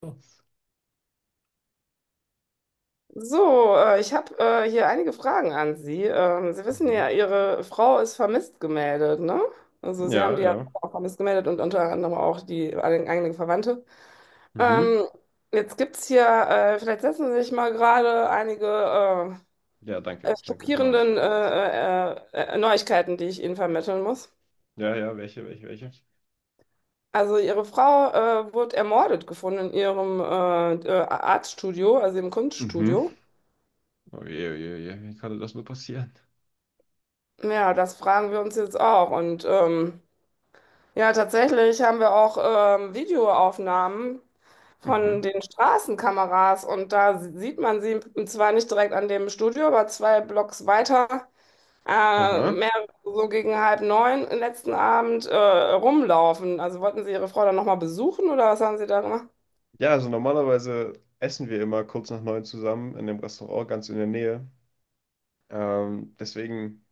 Das. Ich habe hier einige Fragen an Sie. Sie wissen ja, Mhm. Ihre Frau ist vermisst gemeldet, ne? Also Sie haben Ja, die ja ja. auch vermisst gemeldet und unter anderem auch einige Verwandte. Mhm. Ähm, jetzt gibt es hier, vielleicht setzen Sie sich mal gerade einige Ja, danke, danke, mach ich. schockierenden Neuigkeiten, die ich Ihnen vermitteln muss. Ja, ja, welche, welche, welche? Also Ihre Frau wurde ermordet gefunden in ihrem Artstudio, also im Mhm. Kunststudio. Oh je, oh je, oh je, wie konnte das nur passieren? Ja, das fragen wir uns jetzt auch und Ja, tatsächlich haben wir auch Videoaufnahmen von Mhm. den Straßenkameras und da sieht man sie zwar nicht direkt an dem Studio, aber zwei Blocks weiter, Aha. mehr so gegen halb neun letzten Abend rumlaufen. Also wollten Sie Ihre Frau dann nochmal besuchen oder was haben Sie da gemacht? Ja, also normalerweise essen wir immer kurz nach 9 zusammen in dem Restaurant ganz in der Nähe. Deswegen,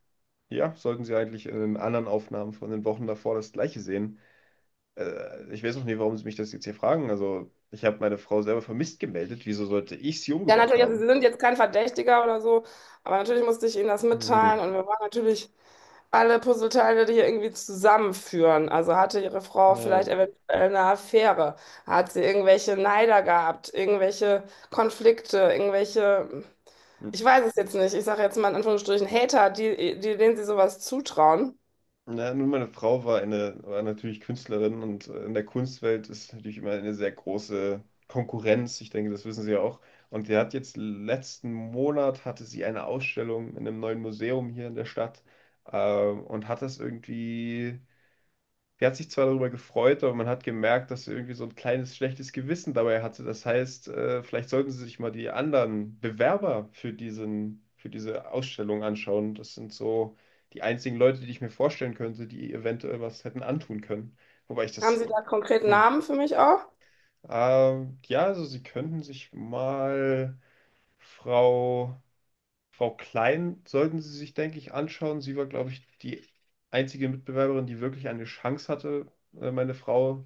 ja, sollten Sie eigentlich in den anderen Aufnahmen von den Wochen davor das Gleiche sehen. Ich weiß noch nie, warum Sie mich das jetzt hier fragen. Also, ich habe meine Frau selber vermisst gemeldet. Wieso sollte ich sie Ja, umgebracht natürlich, also Sie haben? sind jetzt kein Verdächtiger oder so, aber natürlich musste ich Ihnen das mitteilen Mhm. und wir waren natürlich alle Puzzleteile die hier irgendwie zusammenführen. Also hatte ihre Frau Ja. vielleicht eventuell eine Affäre? Hat sie irgendwelche Neider gehabt? Irgendwelche Konflikte? Irgendwelche, ich weiß es jetzt nicht, ich sage jetzt mal in Anführungsstrichen Hater, denen sie sowas zutrauen. Na, nun, meine Frau war natürlich Künstlerin und in der Kunstwelt ist natürlich immer eine sehr große Konkurrenz. Ich denke, das wissen Sie ja auch. Und die hat jetzt letzten Monat hatte sie eine Ausstellung in einem neuen Museum hier in der Stadt und hat das irgendwie. Sie hat sich zwar darüber gefreut, aber man hat gemerkt, dass sie irgendwie so ein kleines schlechtes Gewissen dabei hatte. Das heißt, vielleicht sollten Sie sich mal die anderen Bewerber für diese Ausstellung anschauen. Das sind so die einzigen Leute, die ich mir vorstellen könnte, die eventuell was hätten antun können. Wobei ich Haben das. Sie da konkret hm, Namen für mich auch? Ja, also Sie könnten sich mal Frau Klein sollten Sie sich, denke ich, anschauen. Sie war, glaube ich, die einzige Mitbewerberin, die wirklich eine Chance hatte, meine Frau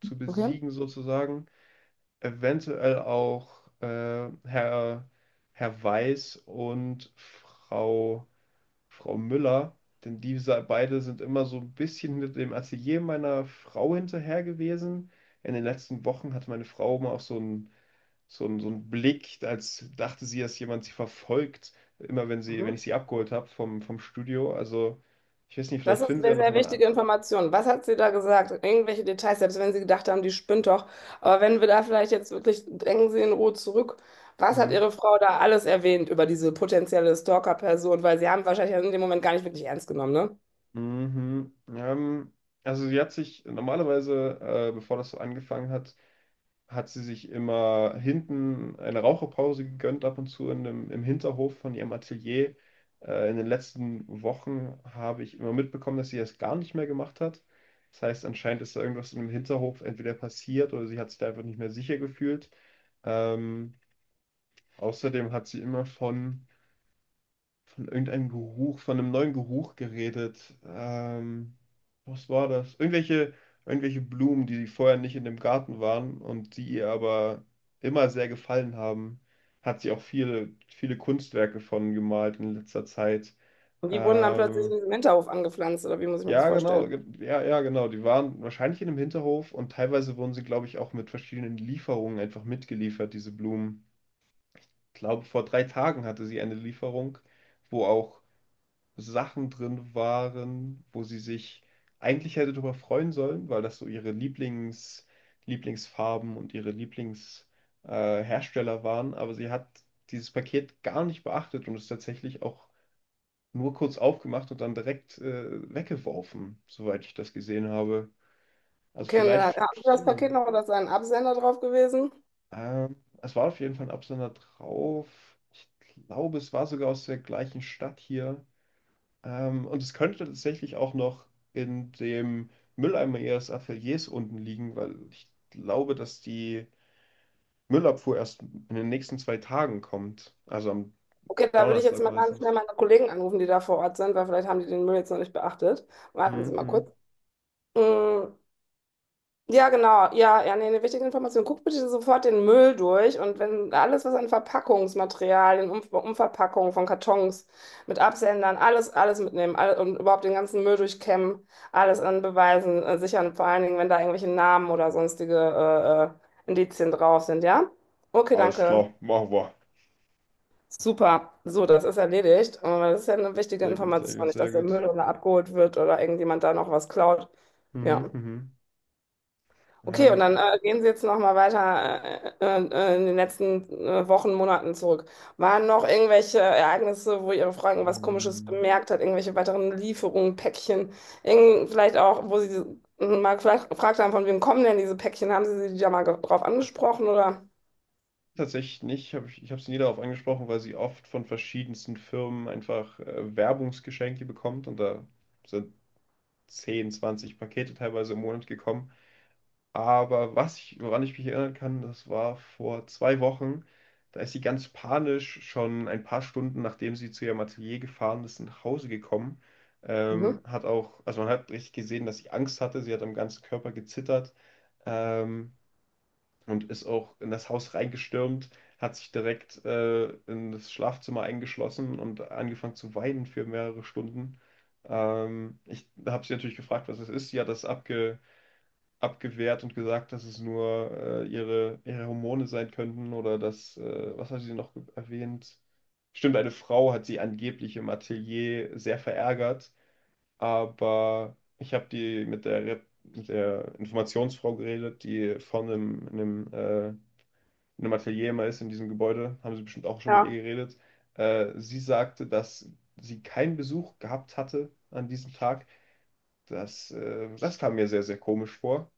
zu Okay. besiegen, sozusagen. Eventuell auch äh, Herr, Herr Weiß und Frau Müller, denn diese beide sind immer so ein bisschen mit dem Atelier meiner Frau hinterher gewesen. In den letzten Wochen hatte meine Frau mal auch so ein Blick, als dachte sie, dass jemand sie verfolgt, immer wenn ich Mhm. sie abgeholt habe vom Studio. Also, ich weiß nicht, Das vielleicht ist finden sie eine ja noch sehr jemand wichtige anderen. Information. Was hat sie da gesagt? Irgendwelche Details, selbst wenn Sie gedacht haben, die spinnt doch. Aber wenn wir da vielleicht jetzt wirklich, denken Sie in Ruhe zurück, was hat Hm. Ihre Frau da alles erwähnt über diese potenzielle Stalker-Person? Weil Sie haben wahrscheinlich in dem Moment gar nicht wirklich ernst genommen, ne? Mhm. Also sie hat sich normalerweise, bevor das so angefangen hat, hat sie sich immer hinten eine Raucherpause gegönnt, ab und zu im Hinterhof von ihrem Atelier. In den letzten Wochen habe ich immer mitbekommen, dass sie das gar nicht mehr gemacht hat. Das heißt, anscheinend ist da irgendwas in dem Hinterhof entweder passiert oder sie hat sich da einfach nicht mehr sicher gefühlt. Ähm, Außerdem hat sie immer von irgendeinem Geruch, von einem neuen Geruch geredet. Was war das? Irgendwelche Blumen, die vorher nicht in dem Garten waren und die ihr aber immer sehr gefallen haben. Hat sie auch viele, viele Kunstwerke von gemalt in letzter Zeit. Und die wurden dann plötzlich in Ähm, diesem Hinterhof angepflanzt, oder wie muss ich mir das ja, vorstellen? genau, ja, ja, genau. Die waren wahrscheinlich in einem Hinterhof und teilweise wurden sie, glaube ich, auch mit verschiedenen Lieferungen einfach mitgeliefert, diese Blumen. Ich glaube, vor 3 Tagen hatte sie eine Lieferung, wo auch Sachen drin waren, wo sie sich eigentlich hätte darüber freuen sollen, weil das so ihre Lieblingsfarben und ihre Lieblings, Hersteller waren. Aber sie hat dieses Paket gar nicht beachtet und es tatsächlich auch nur kurz aufgemacht und dann direkt, weggeworfen, soweit ich das gesehen habe. Also Okay, und dann hat vielleicht, haben Sie das so, Paket noch, oder ist da ein Absender drauf gewesen? ähm, es war auf jeden Fall ein Absender drauf. Ich glaube, es war sogar aus der gleichen Stadt hier. Und es könnte tatsächlich auch noch in dem Mülleimer ihres Ateliers unten liegen, weil ich glaube, dass die Müllabfuhr erst in den nächsten 2 Tagen kommt. Also am Okay, da würde ich jetzt Donnerstag mal ganz schnell meistens. meine Kollegen anrufen, die da vor Ort sind, weil vielleicht haben die den Müll jetzt noch nicht beachtet. Warten Sie mal Mhm. kurz. Mm. Ja, genau. Ja, ja, nee, eine wichtige Information. Guck bitte sofort den Müll durch und wenn alles, was an Verpackungsmaterialien, Umverpackungen von Kartons mit Absendern, alles, alles mitnehmen alle, und überhaupt den ganzen Müll durchkämmen, alles an Beweisen sichern, vor allen Dingen, wenn da irgendwelche Namen oder sonstige Indizien drauf sind, ja? Okay, Alles danke. klar, machen wir. Super. So, das ist erledigt. Das ist ja eine wichtige Sehr gut, sehr Information, gut, nicht, sehr dass der gut. Müll oder abgeholt wird oder irgendjemand da noch was klaut. Ja. Mhm, mhm. Okay, und Ähm, äh, dann gehen Sie jetzt noch mal weiter in den letzten Wochen, Monaten zurück. Waren noch irgendwelche Ereignisse, wo Ihre Frau irgendwas Komisches mh. bemerkt hat, irgendwelche weiteren Lieferungen, Päckchen, irgend, vielleicht auch, wo Sie mal vielleicht gefragt haben, von wem kommen denn diese Päckchen? Haben Sie sie da mal drauf angesprochen oder? Tatsächlich nicht. Hab ich ich habe sie nie darauf angesprochen, weil sie oft von verschiedensten Firmen einfach Werbungsgeschenke bekommt und da sind 10, 20 Pakete teilweise im Monat gekommen. Aber woran ich mich erinnern kann, das war vor 2 Wochen. Da ist sie ganz panisch schon ein paar Stunden, nachdem sie zu ihrem Atelier gefahren ist, nach Hause gekommen. Mhm. Hat auch, also man hat richtig gesehen, dass sie Angst hatte. Sie hat am ganzen Körper gezittert, ähm, und ist auch in das Haus reingestürmt, hat sich direkt, in das Schlafzimmer eingeschlossen und angefangen zu weinen für mehrere Stunden. Ich habe sie natürlich gefragt, was es ist. Sie hat das abgewehrt und gesagt, dass es nur ihre Hormone sein könnten oder dass, was hat sie noch erwähnt? Stimmt, eine Frau hat sie angeblich im Atelier sehr verärgert, aber ich habe die mit der Informationsfrau geredet, die vorne in einem Atelier immer ist, in diesem Gebäude, haben sie bestimmt auch schon mit ihr Ja. geredet. Sie sagte, dass sie keinen Besuch gehabt hatte an diesem Tag. Das kam mir sehr, sehr komisch vor.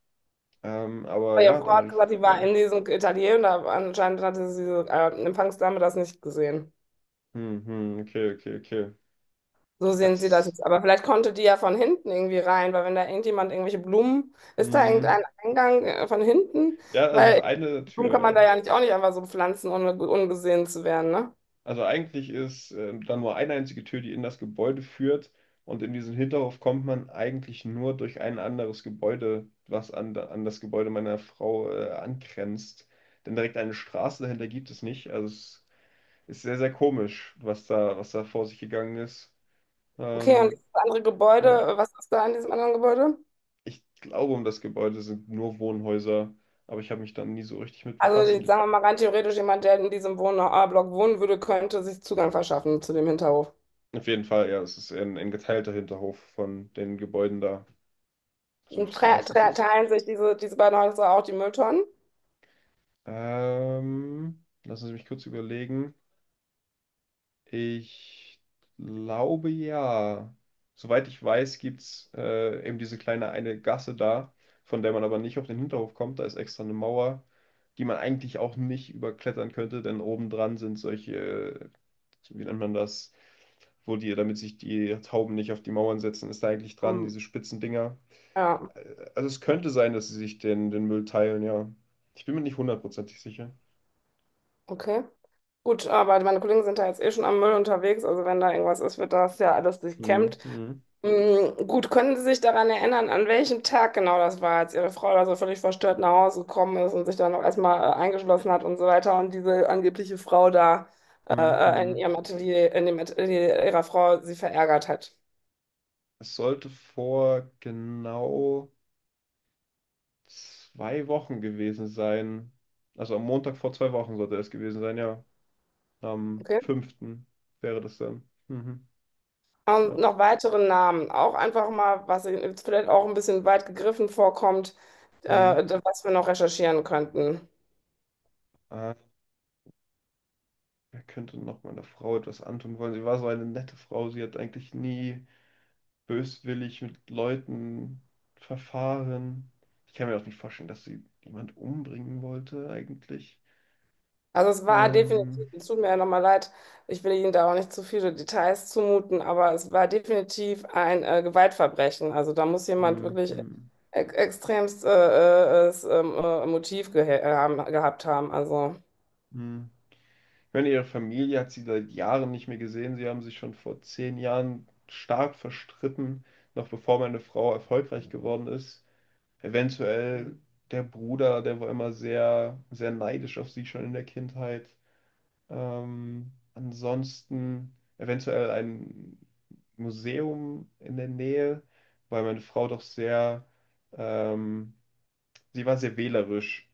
Aber Weil Ihre ja, Frau hat damit. gesagt, die war Ja. in diesem Atelier und da anscheinend hatte diese Empfangsdame das nicht gesehen. Hm, hm, okay, okay, okay. So sehen sie das Das. jetzt. Aber vielleicht konnte die ja von hinten irgendwie rein, weil wenn da irgendjemand irgendwelche Blumen, ist da Hm. irgendein Eingang von hinten? Ja, also es Weil ist eine Blumen Tür, kann man da ja. ja nicht auch nicht einfach so pflanzen, ohne ungesehen zu werden, ne? Also eigentlich ist da nur eine einzige Tür, die in das Gebäude führt. Und in diesen Hinterhof kommt man eigentlich nur durch ein anderes Gebäude, was an das Gebäude meiner Frau angrenzt. Denn direkt eine Straße dahinter gibt es nicht. Also es ist sehr, sehr komisch, was da vor sich gegangen ist. Okay, und Ähm, dieses andere Gebäude, ja. Was ist da in diesem anderen Gebäude? Ich glaube, um das Gebäude sind nur Wohnhäuser, aber ich habe mich dann nie so richtig mit Also befasst. Und jetzt ich, sagen wir mal rein theoretisch, jemand, der in diesem Wohnblock wohnen würde, könnte sich Zugang verschaffen zu dem Hinterhof. auf jeden Fall, ja, es ist eher ein geteilter Hinterhof von den Gebäuden da, so wie Und es tre meistens tre ist. teilen sich diese beiden Häuser auch die Mülltonnen? Lassen Sie mich kurz überlegen. Ich glaube ja. Soweit ich weiß, gibt es eben diese kleine eine Gasse da, von der man aber nicht auf den Hinterhof kommt. Da ist extra eine Mauer, die man eigentlich auch nicht überklettern könnte, denn obendran sind solche wie nennt man das, wo die, damit sich die Tauben nicht auf die Mauern setzen, ist da eigentlich dran, Hm. diese spitzen Dinger. Ja, Äh, Also es könnte sein, dass sie sich den Müll teilen, ja. Ich bin mir nicht hundertprozentig sicher. okay. Gut, aber meine Kollegen sind da jetzt eh schon am Müll unterwegs, also wenn da irgendwas ist, wird das ja alles durchkämmt. Mhm. Mhm. Gut, können Sie sich daran erinnern, an welchem Tag genau das war, als Ihre Frau da so völlig verstört nach Hause gekommen ist und sich dann noch erstmal eingeschlossen hat und so weiter und diese angebliche Frau da äh, in Mhm. ihrem Atelier, in dem Atelier ihrer Frau sie verärgert hat? Es sollte vor genau 2 Wochen gewesen sein. Also am Montag vor 2 Wochen sollte es gewesen sein, ja. Am Okay. fünften wäre das dann. Mhm. Und Ja. noch weitere Namen, auch einfach mal, was Ihnen jetzt vielleicht auch ein bisschen weit gegriffen vorkommt, Mhm. äh, was wir noch recherchieren könnten. Er könnte noch meiner Frau etwas antun wollen. Sie war so eine nette Frau. Sie hat eigentlich nie böswillig mit Leuten verfahren. Ich kann mir auch nicht vorstellen, dass sie jemand umbringen wollte, eigentlich. Also es war definitiv, Ähm, es tut mir ja nochmal leid, ich will Ihnen da auch nicht zu viele Details zumuten, aber es war definitiv ein Gewaltverbrechen. Also da muss jemand hm, wirklich e hm, extremst Motiv gehabt haben. Also hm. Ich meine, ihre Familie hat sie seit Jahren nicht mehr gesehen. Sie haben sich schon vor 10 Jahren stark verstritten, noch bevor meine Frau erfolgreich geworden ist. Eventuell der Bruder, der war immer sehr, sehr neidisch auf sie schon in der Kindheit. Ansonsten eventuell ein Museum in der Nähe, weil meine Frau doch sehr, ähm, sie war sehr wählerisch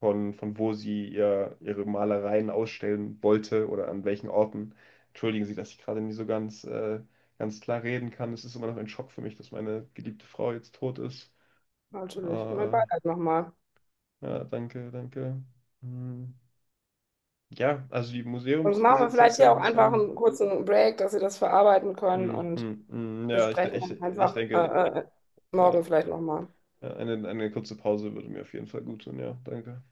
von wo sie ihre Malereien ausstellen wollte oder an welchen Orten. Entschuldigen Sie, dass ich gerade nie so ganz, ganz klar reden kann. Es ist immer noch ein Schock für mich, dass meine geliebte Frau jetzt tot ist. Natürlich, mein Ja, Beileid nochmal. danke, danke. Hm. Ja, also die Sonst machen wir Museumsbesitzer vielleicht hier auch könnten es einfach sein. einen kurzen Break, dass Sie das verarbeiten können Mhm, und mhm. Ja, ich, de- besprechen ich, dann ich einfach denke, morgen ja, vielleicht nochmal. eine kurze Pause würde mir auf jeden Fall gut tun. Ja, danke.